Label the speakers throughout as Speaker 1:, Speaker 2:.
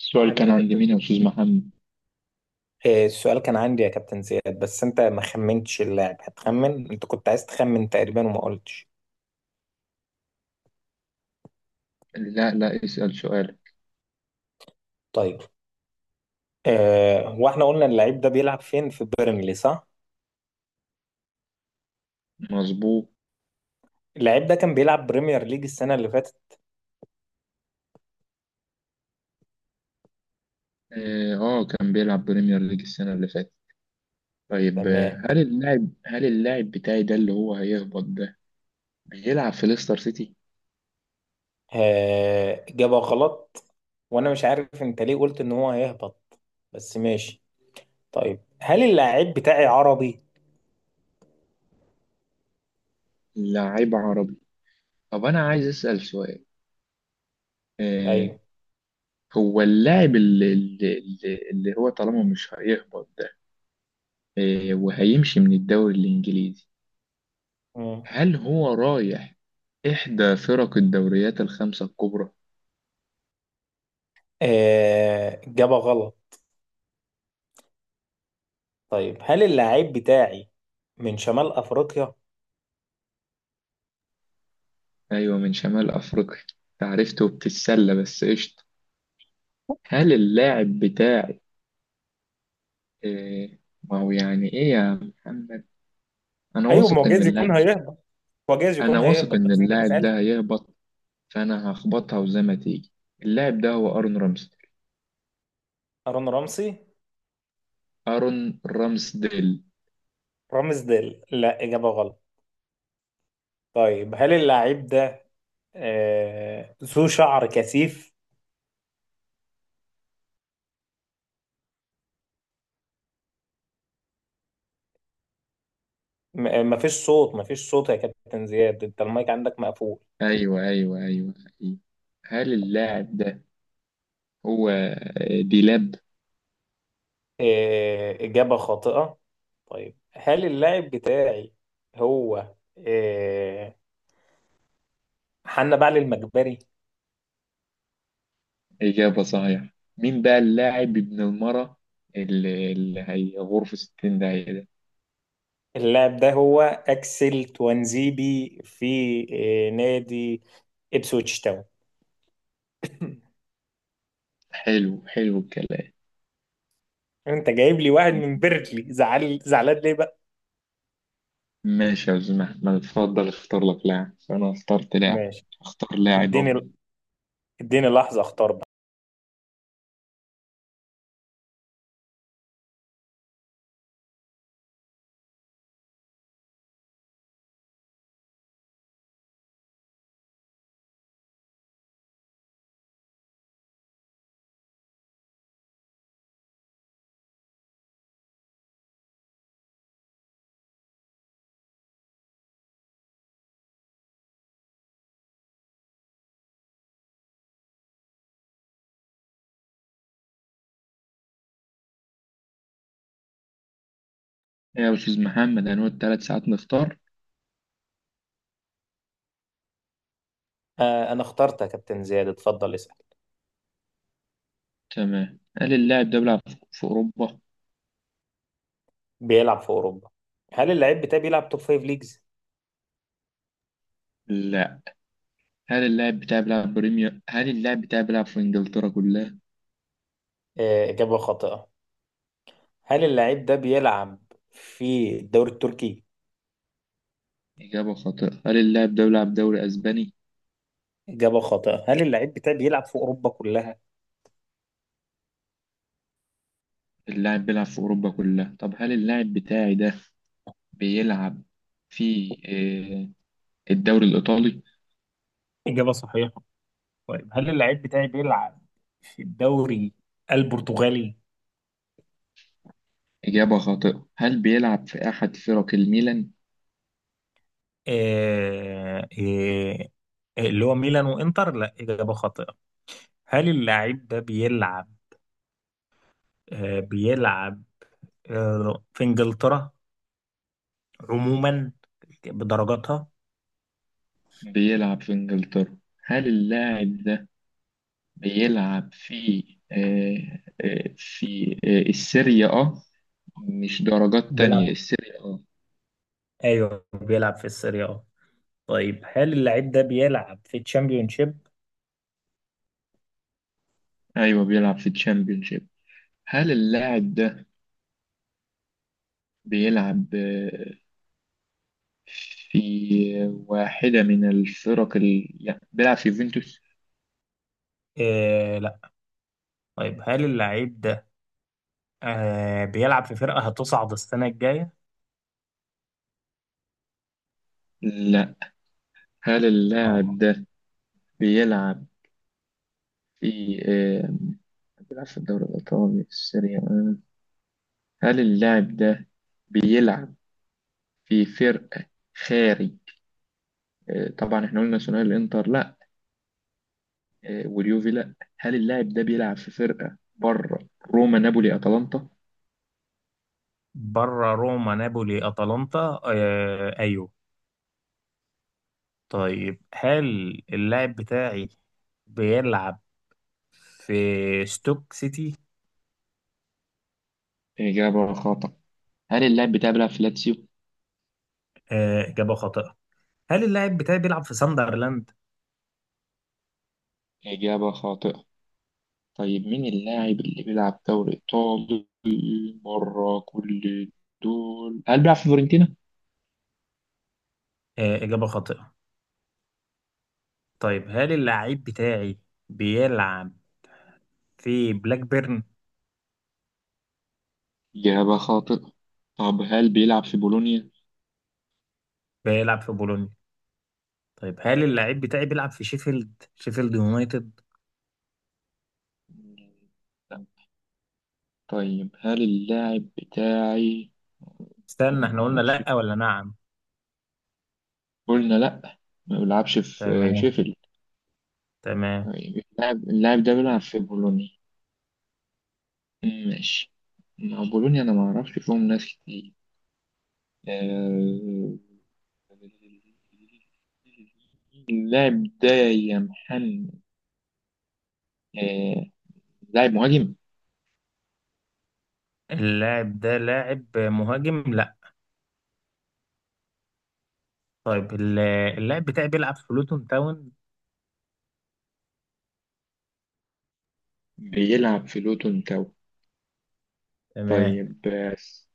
Speaker 1: السؤال
Speaker 2: اهلا
Speaker 1: كان
Speaker 2: يا
Speaker 1: عند
Speaker 2: كابتن
Speaker 1: مين يا
Speaker 2: زياد.
Speaker 1: أستاذ محمد؟
Speaker 2: السؤال كان عندي يا كابتن زياد، بس انت ما خمنتش اللاعب. هتخمن؟ انت كنت عايز تخمن تقريبا وما قلتش.
Speaker 1: لا، لا، اسأل سؤال.
Speaker 2: طيب، اه هو احنا قلنا اللعيب ده بيلعب فين؟ في بيرنلي صح؟
Speaker 1: مظبوط.
Speaker 2: اللعيب ده كان بيلعب بريمير ليج السنة اللي فاتت.
Speaker 1: آه، آه، كان بيلعب بريمير ليج السنة اللي فاتت. طيب.
Speaker 2: تمام.
Speaker 1: هل اللاعب بتاعي ده اللي هو هيهبط ده بيلعب في ليستر سيتي؟
Speaker 2: اه، جابها غلط. وانا مش عارف انت ليه قلت ان هو هيهبط، بس ماشي. طيب، هل اللاعب بتاعي عربي؟
Speaker 1: لاعب عربي. طب أنا عايز أسأل سؤال. آه
Speaker 2: طيب.
Speaker 1: هو اللاعب اللي هو طالما مش هيهبط ده، وهيمشي من الدوري الإنجليزي.
Speaker 2: مم.
Speaker 1: هل هو رايح إحدى فرق الدوريات الخمسة الكبرى؟
Speaker 2: اه، جابها غلط. طيب، هل اللاعب بتاعي من شمال افريقيا؟
Speaker 1: أيوة، من شمال أفريقيا. عرفته وبتتسلى بس قشطة. هل اللاعب بتاعي إيه ما هو يعني إيه يا محمد؟ أنا
Speaker 2: ايوه، ما
Speaker 1: واثق
Speaker 2: هو
Speaker 1: إن
Speaker 2: جايز
Speaker 1: اللاعب
Speaker 2: يكون هيهبط. هو جايز
Speaker 1: أنا
Speaker 2: يكون
Speaker 1: واثق
Speaker 2: هيهبط
Speaker 1: إن
Speaker 2: بس انت ما
Speaker 1: اللاعب ده
Speaker 2: سالت.
Speaker 1: هيهبط، فأنا هخبطها وزي ما تيجي. اللاعب ده هو أرون رامسديل.
Speaker 2: هارون رمسي.
Speaker 1: أرون رامسديل.
Speaker 2: رامز ديل؟ لا، اجابه غلط. طيب، هل اللاعب ده ذو شعر كثيف؟ ما فيش صوت، ما فيش صوت يا كابتن زياد، انت المايك عندك مقفول.
Speaker 1: أيوة، أيوة، أيوة، أيوة. هل اللاعب ده هو ديلاب؟
Speaker 2: آه، اجابه خاطئه. طيب، هل اللاعب بتاعي هو آه حنا بعل المجبري؟
Speaker 1: إجابة صحيحة. مين بقى اللاعب ابن المرة اللي هي غرفة 60 ده؟
Speaker 2: اللاعب ده هو اكسل توانزيبي في نادي ابسويتش تاون.
Speaker 1: حلو حلو الكلام.
Speaker 2: انت جايب لي واحد من بيركلي، زعل زعلان ليه بقى؟
Speaker 1: ماشي يا أستاذ محمد، اتفضل اختار لك لاعب فأنا اخترت لاعب.
Speaker 2: ماشي.
Speaker 1: اختار لاعب أهو.
Speaker 2: اديني، اديني لحظه اختار بقى.
Speaker 1: إيه يا أستاذ محمد، هنقعد تلات ساعات نختار؟
Speaker 2: آه، انا اخترت يا كابتن زياد، اتفضل اسال.
Speaker 1: تمام. هل اللاعب ده بيلعب في أوروبا؟
Speaker 2: بيلعب في اوروبا. هل اللاعب بتاعي بيلعب توب فايف ليجز؟
Speaker 1: لا. هل اللاعب بتاعي بيلعب بريمير؟ هل اللاعب بتاعي بيلعب في إنجلترا كلها؟
Speaker 2: آه، اجابه خاطئه. هل اللاعب ده بيلعب في الدوري التركي؟
Speaker 1: إجابة خاطئة. هل اللاعب ده بيلعب دوري أسباني؟
Speaker 2: اجابه خاطئه. هل اللاعب بتاعي بيلعب في اوروبا كلها؟
Speaker 1: اللاعب بيلعب في أوروبا كلها. طب هل اللاعب بتاعي ده بيلعب في الدوري الإيطالي؟
Speaker 2: اجابه صحيحه. طيب، هل اللاعب بتاعي بيلعب في الدوري البرتغالي؟
Speaker 1: إجابة خاطئة. هل بيلعب في أحد فرق الميلان؟
Speaker 2: آه آه، اللي هو ميلان وانتر؟ لا، اجابه خاطئه. هل اللاعب ده بيلعب، بيلعب، في إنجلترا عموما بدرجاتها؟
Speaker 1: بيلعب في إنجلترا. هل اللاعب ده بيلعب في آه، آه، في آه، السيريا أه؟ مش درجات
Speaker 2: بيلعب.
Speaker 1: تانية، السيريا أه.
Speaker 2: ايوه، بيلعب في السيريا اه. طيب، هل اللاعب ده بيلعب في تشامبيونشيب؟
Speaker 1: أيوه، بيلعب في الشامبيونشيب. هل اللاعب ده بيلعب في واحدة من الفرق ال... يعني بيلعب في يوفنتوس؟
Speaker 2: آه لا. طيب، هل اللاعب ده بيلعب في فرقة هتصعد السنة الجاية؟
Speaker 1: لا. هل
Speaker 2: اه.
Speaker 1: اللاعب ده بيلعب في الدوري الإيطالي السيريا أه. هل اللاعب ده بيلعب في فرق خارج، طبعا احنا قلنا ثنائي الانتر لا، واليوفي لا. هل اللاعب ده بيلعب في فرقة بره روما نابولي اتلانتا؟
Speaker 2: بره روما نابولي أتلانتا؟ آه ايوه. طيب، هل اللاعب بتاعي بيلعب في ستوك سيتي؟
Speaker 1: إجابة خاطئة. هل اللاعب بتاعي بيلعب في لاتسيو؟
Speaker 2: آه، إجابة خاطئة. هل اللاعب بتاعي بيلعب في ساندرلاند؟
Speaker 1: إجابة خاطئة. طيب مين اللاعب اللي بيلعب دوري إيطالي بره كل دول؟ هل بيلعب في فيورنتينا؟
Speaker 2: آه، إجابة خاطئة. طيب، هل اللاعب بتاعي بيلعب في بلاك بيرن؟
Speaker 1: إجابة خاطئة. طب هل بيلعب في بولونيا؟
Speaker 2: بيلعب في بولونيا. طيب، هل اللاعب بتاعي بيلعب في شيفيلد؟ شيفيلد يونايتد؟
Speaker 1: لا. طيب هل اللاعب بتاعي...
Speaker 2: استنى،
Speaker 1: أنا ما
Speaker 2: احنا قلنا
Speaker 1: أعرفش.
Speaker 2: لأ ولا نعم؟
Speaker 1: قلنا لا. ما بيلعبش في
Speaker 2: تمام.
Speaker 1: شيفيلد.
Speaker 2: تمام.
Speaker 1: اللاعب ده بيلعب في بولونيا. مم، ماشي. مع بولونيا انا ما اعرفش فيهم ناس كتير. آه، اللاعب ده يا محمد، آه، لاعب مهاجم.
Speaker 2: اللاعب ده لاعب مهاجم؟ لأ. طيب، اللاعب بتاعي بيلعب في لوتون تاون؟
Speaker 1: بيلعب في لوتون تاو.
Speaker 2: تمام.
Speaker 1: طيب بس.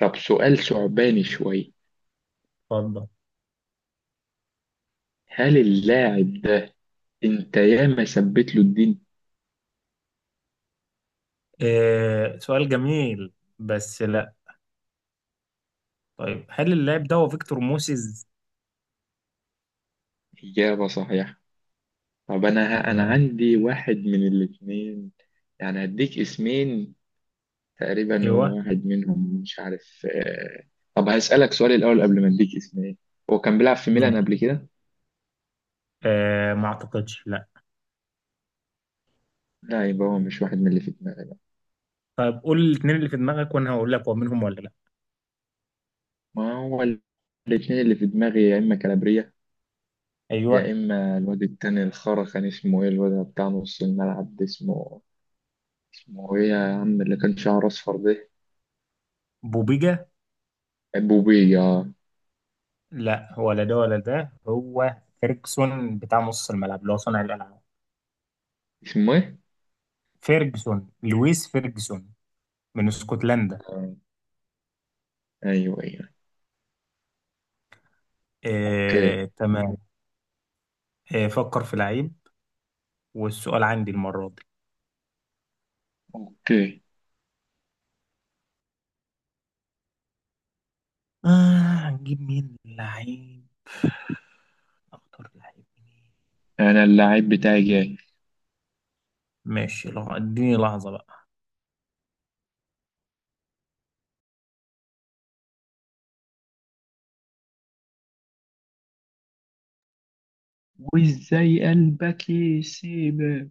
Speaker 1: طب سؤال ثعباني شوية.
Speaker 2: اتفضل.
Speaker 1: هل اللاعب ده انت ياما ثبت له الدين؟
Speaker 2: آه، سؤال جميل، بس لأ. طيب، هل اللاعب ده هو فيكتور موسيز؟
Speaker 1: إجابة صحيحة. طب انا
Speaker 2: تمام.
Speaker 1: عندي واحد من الاثنين. يعني هديك اسمين تقريبا،
Speaker 2: ايوه.
Speaker 1: هو واحد منهم مش عارف. طب هسألك سؤال الاول قبل ما اديك اسمين. هو كان بيلعب في ميلان قبل كده؟
Speaker 2: آه، ما اعتقدش، لا.
Speaker 1: لا، يبقى هو مش واحد من اللي في دماغي بقى.
Speaker 2: طيب، قول الاثنين اللي في دماغك وانا هقول لك هو منهم ولا لا.
Speaker 1: ما هو الاثنين اللي في دماغي يا اما كالابريا،
Speaker 2: ايوه.
Speaker 1: يا اما الواد التاني الخرا كان اسمه ايه؟ الواد بتاع نص الملعب ده اسمه ايه يا عم اللي كان شعره اصفر ده؟
Speaker 2: بوبيجا.
Speaker 1: بوبيه.
Speaker 2: لا، ولا ده ولا ده، هو فيرجسون بتاع نص الملعب اللي هو صانع الالعاب.
Speaker 1: اسمه ايه؟
Speaker 2: فيرجسون، لويس فيرجسون، من اسكتلندا.
Speaker 1: آه، ايوه، ايوه. اوكي.
Speaker 2: آه، تمام. آه، فكر في لعيب، والسؤال عندي المره دي.
Speaker 1: اوكي.
Speaker 2: آه. هنجيب مين لعيب؟ اختار لعيب مين؟
Speaker 1: انا اللعيب بتاعي جاي.
Speaker 2: ماشي، اديني لحظه بقى.
Speaker 1: وازاي قلبك يسيبك،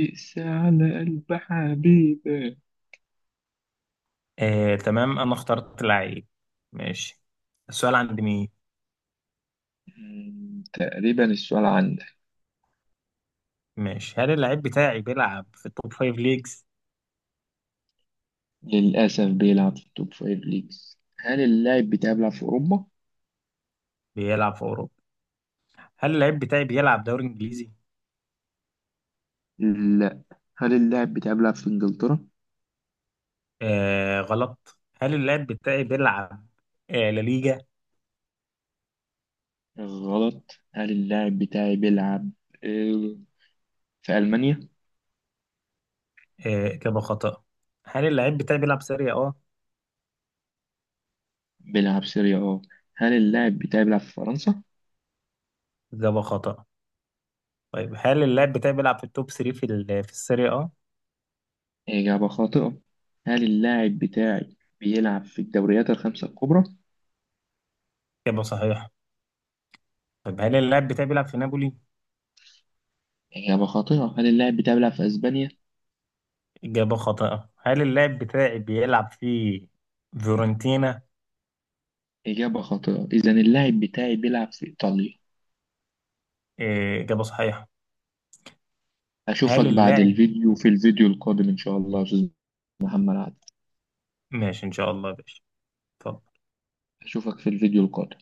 Speaker 1: اقسى على قلب حبيبك.
Speaker 2: آه، تمام، انا اخترت لعيب. ماشي. السؤال عند مين؟
Speaker 1: تقريبا السؤال عندك.
Speaker 2: ماشي. هل اللعيب بتاعي بيلعب في التوب فايف ليجز؟
Speaker 1: للأسف بيلعب في التوب فايف ليجز. هل اللاعب بتاعي بيلعب في أوروبا؟
Speaker 2: بيلعب في أوروبا. هل اللعيب بتاعي بيلعب دوري إنجليزي؟
Speaker 1: لا. هل اللاعب بتاعي بيلعب في إنجلترا؟
Speaker 2: آه غلط. هل اللعيب بتاعي بيلعب لا ليجا؟
Speaker 1: غلط. هل اللاعب بتاعي بيلعب آه، في ألمانيا؟
Speaker 2: آه، إجابة خطأ. هل اللعيب بتاعي بيلعب سيريا أه؟
Speaker 1: بيلعب سيريا اه. هل اللاعب بتاعي بيلعب في فرنسا؟
Speaker 2: إجابة خطأ. طيب، هل اللعيب بتاعي بيلعب في التوب 3 في السيريا أه؟
Speaker 1: إجابة خاطئة. هل اللاعب بتاعي بيلعب في الدوريات الخمسة الكبرى؟
Speaker 2: إجابة صحيحة. طيب، هل اللاعب بتاعي بيلعب في نابولي؟
Speaker 1: إجابة خاطئة. هل اللاعب بتاعي بيلعب في أسبانيا؟
Speaker 2: إجابة خاطئة. هل اللاعب بتاعي بيلعب في فيورنتينا؟
Speaker 1: إجابة خاطئة. إذا اللاعب بتاعي بيلعب في إيطاليا.
Speaker 2: إيه، إجابة صحيحة.
Speaker 1: أشوفك
Speaker 2: هل
Speaker 1: بعد
Speaker 2: اللاعب
Speaker 1: الفيديو في الفيديو القادم إن شاء الله يا أستاذ محمد عادل.
Speaker 2: ماشي إن شاء الله يا باشا. اتفضل.
Speaker 1: أشوفك في الفيديو القادم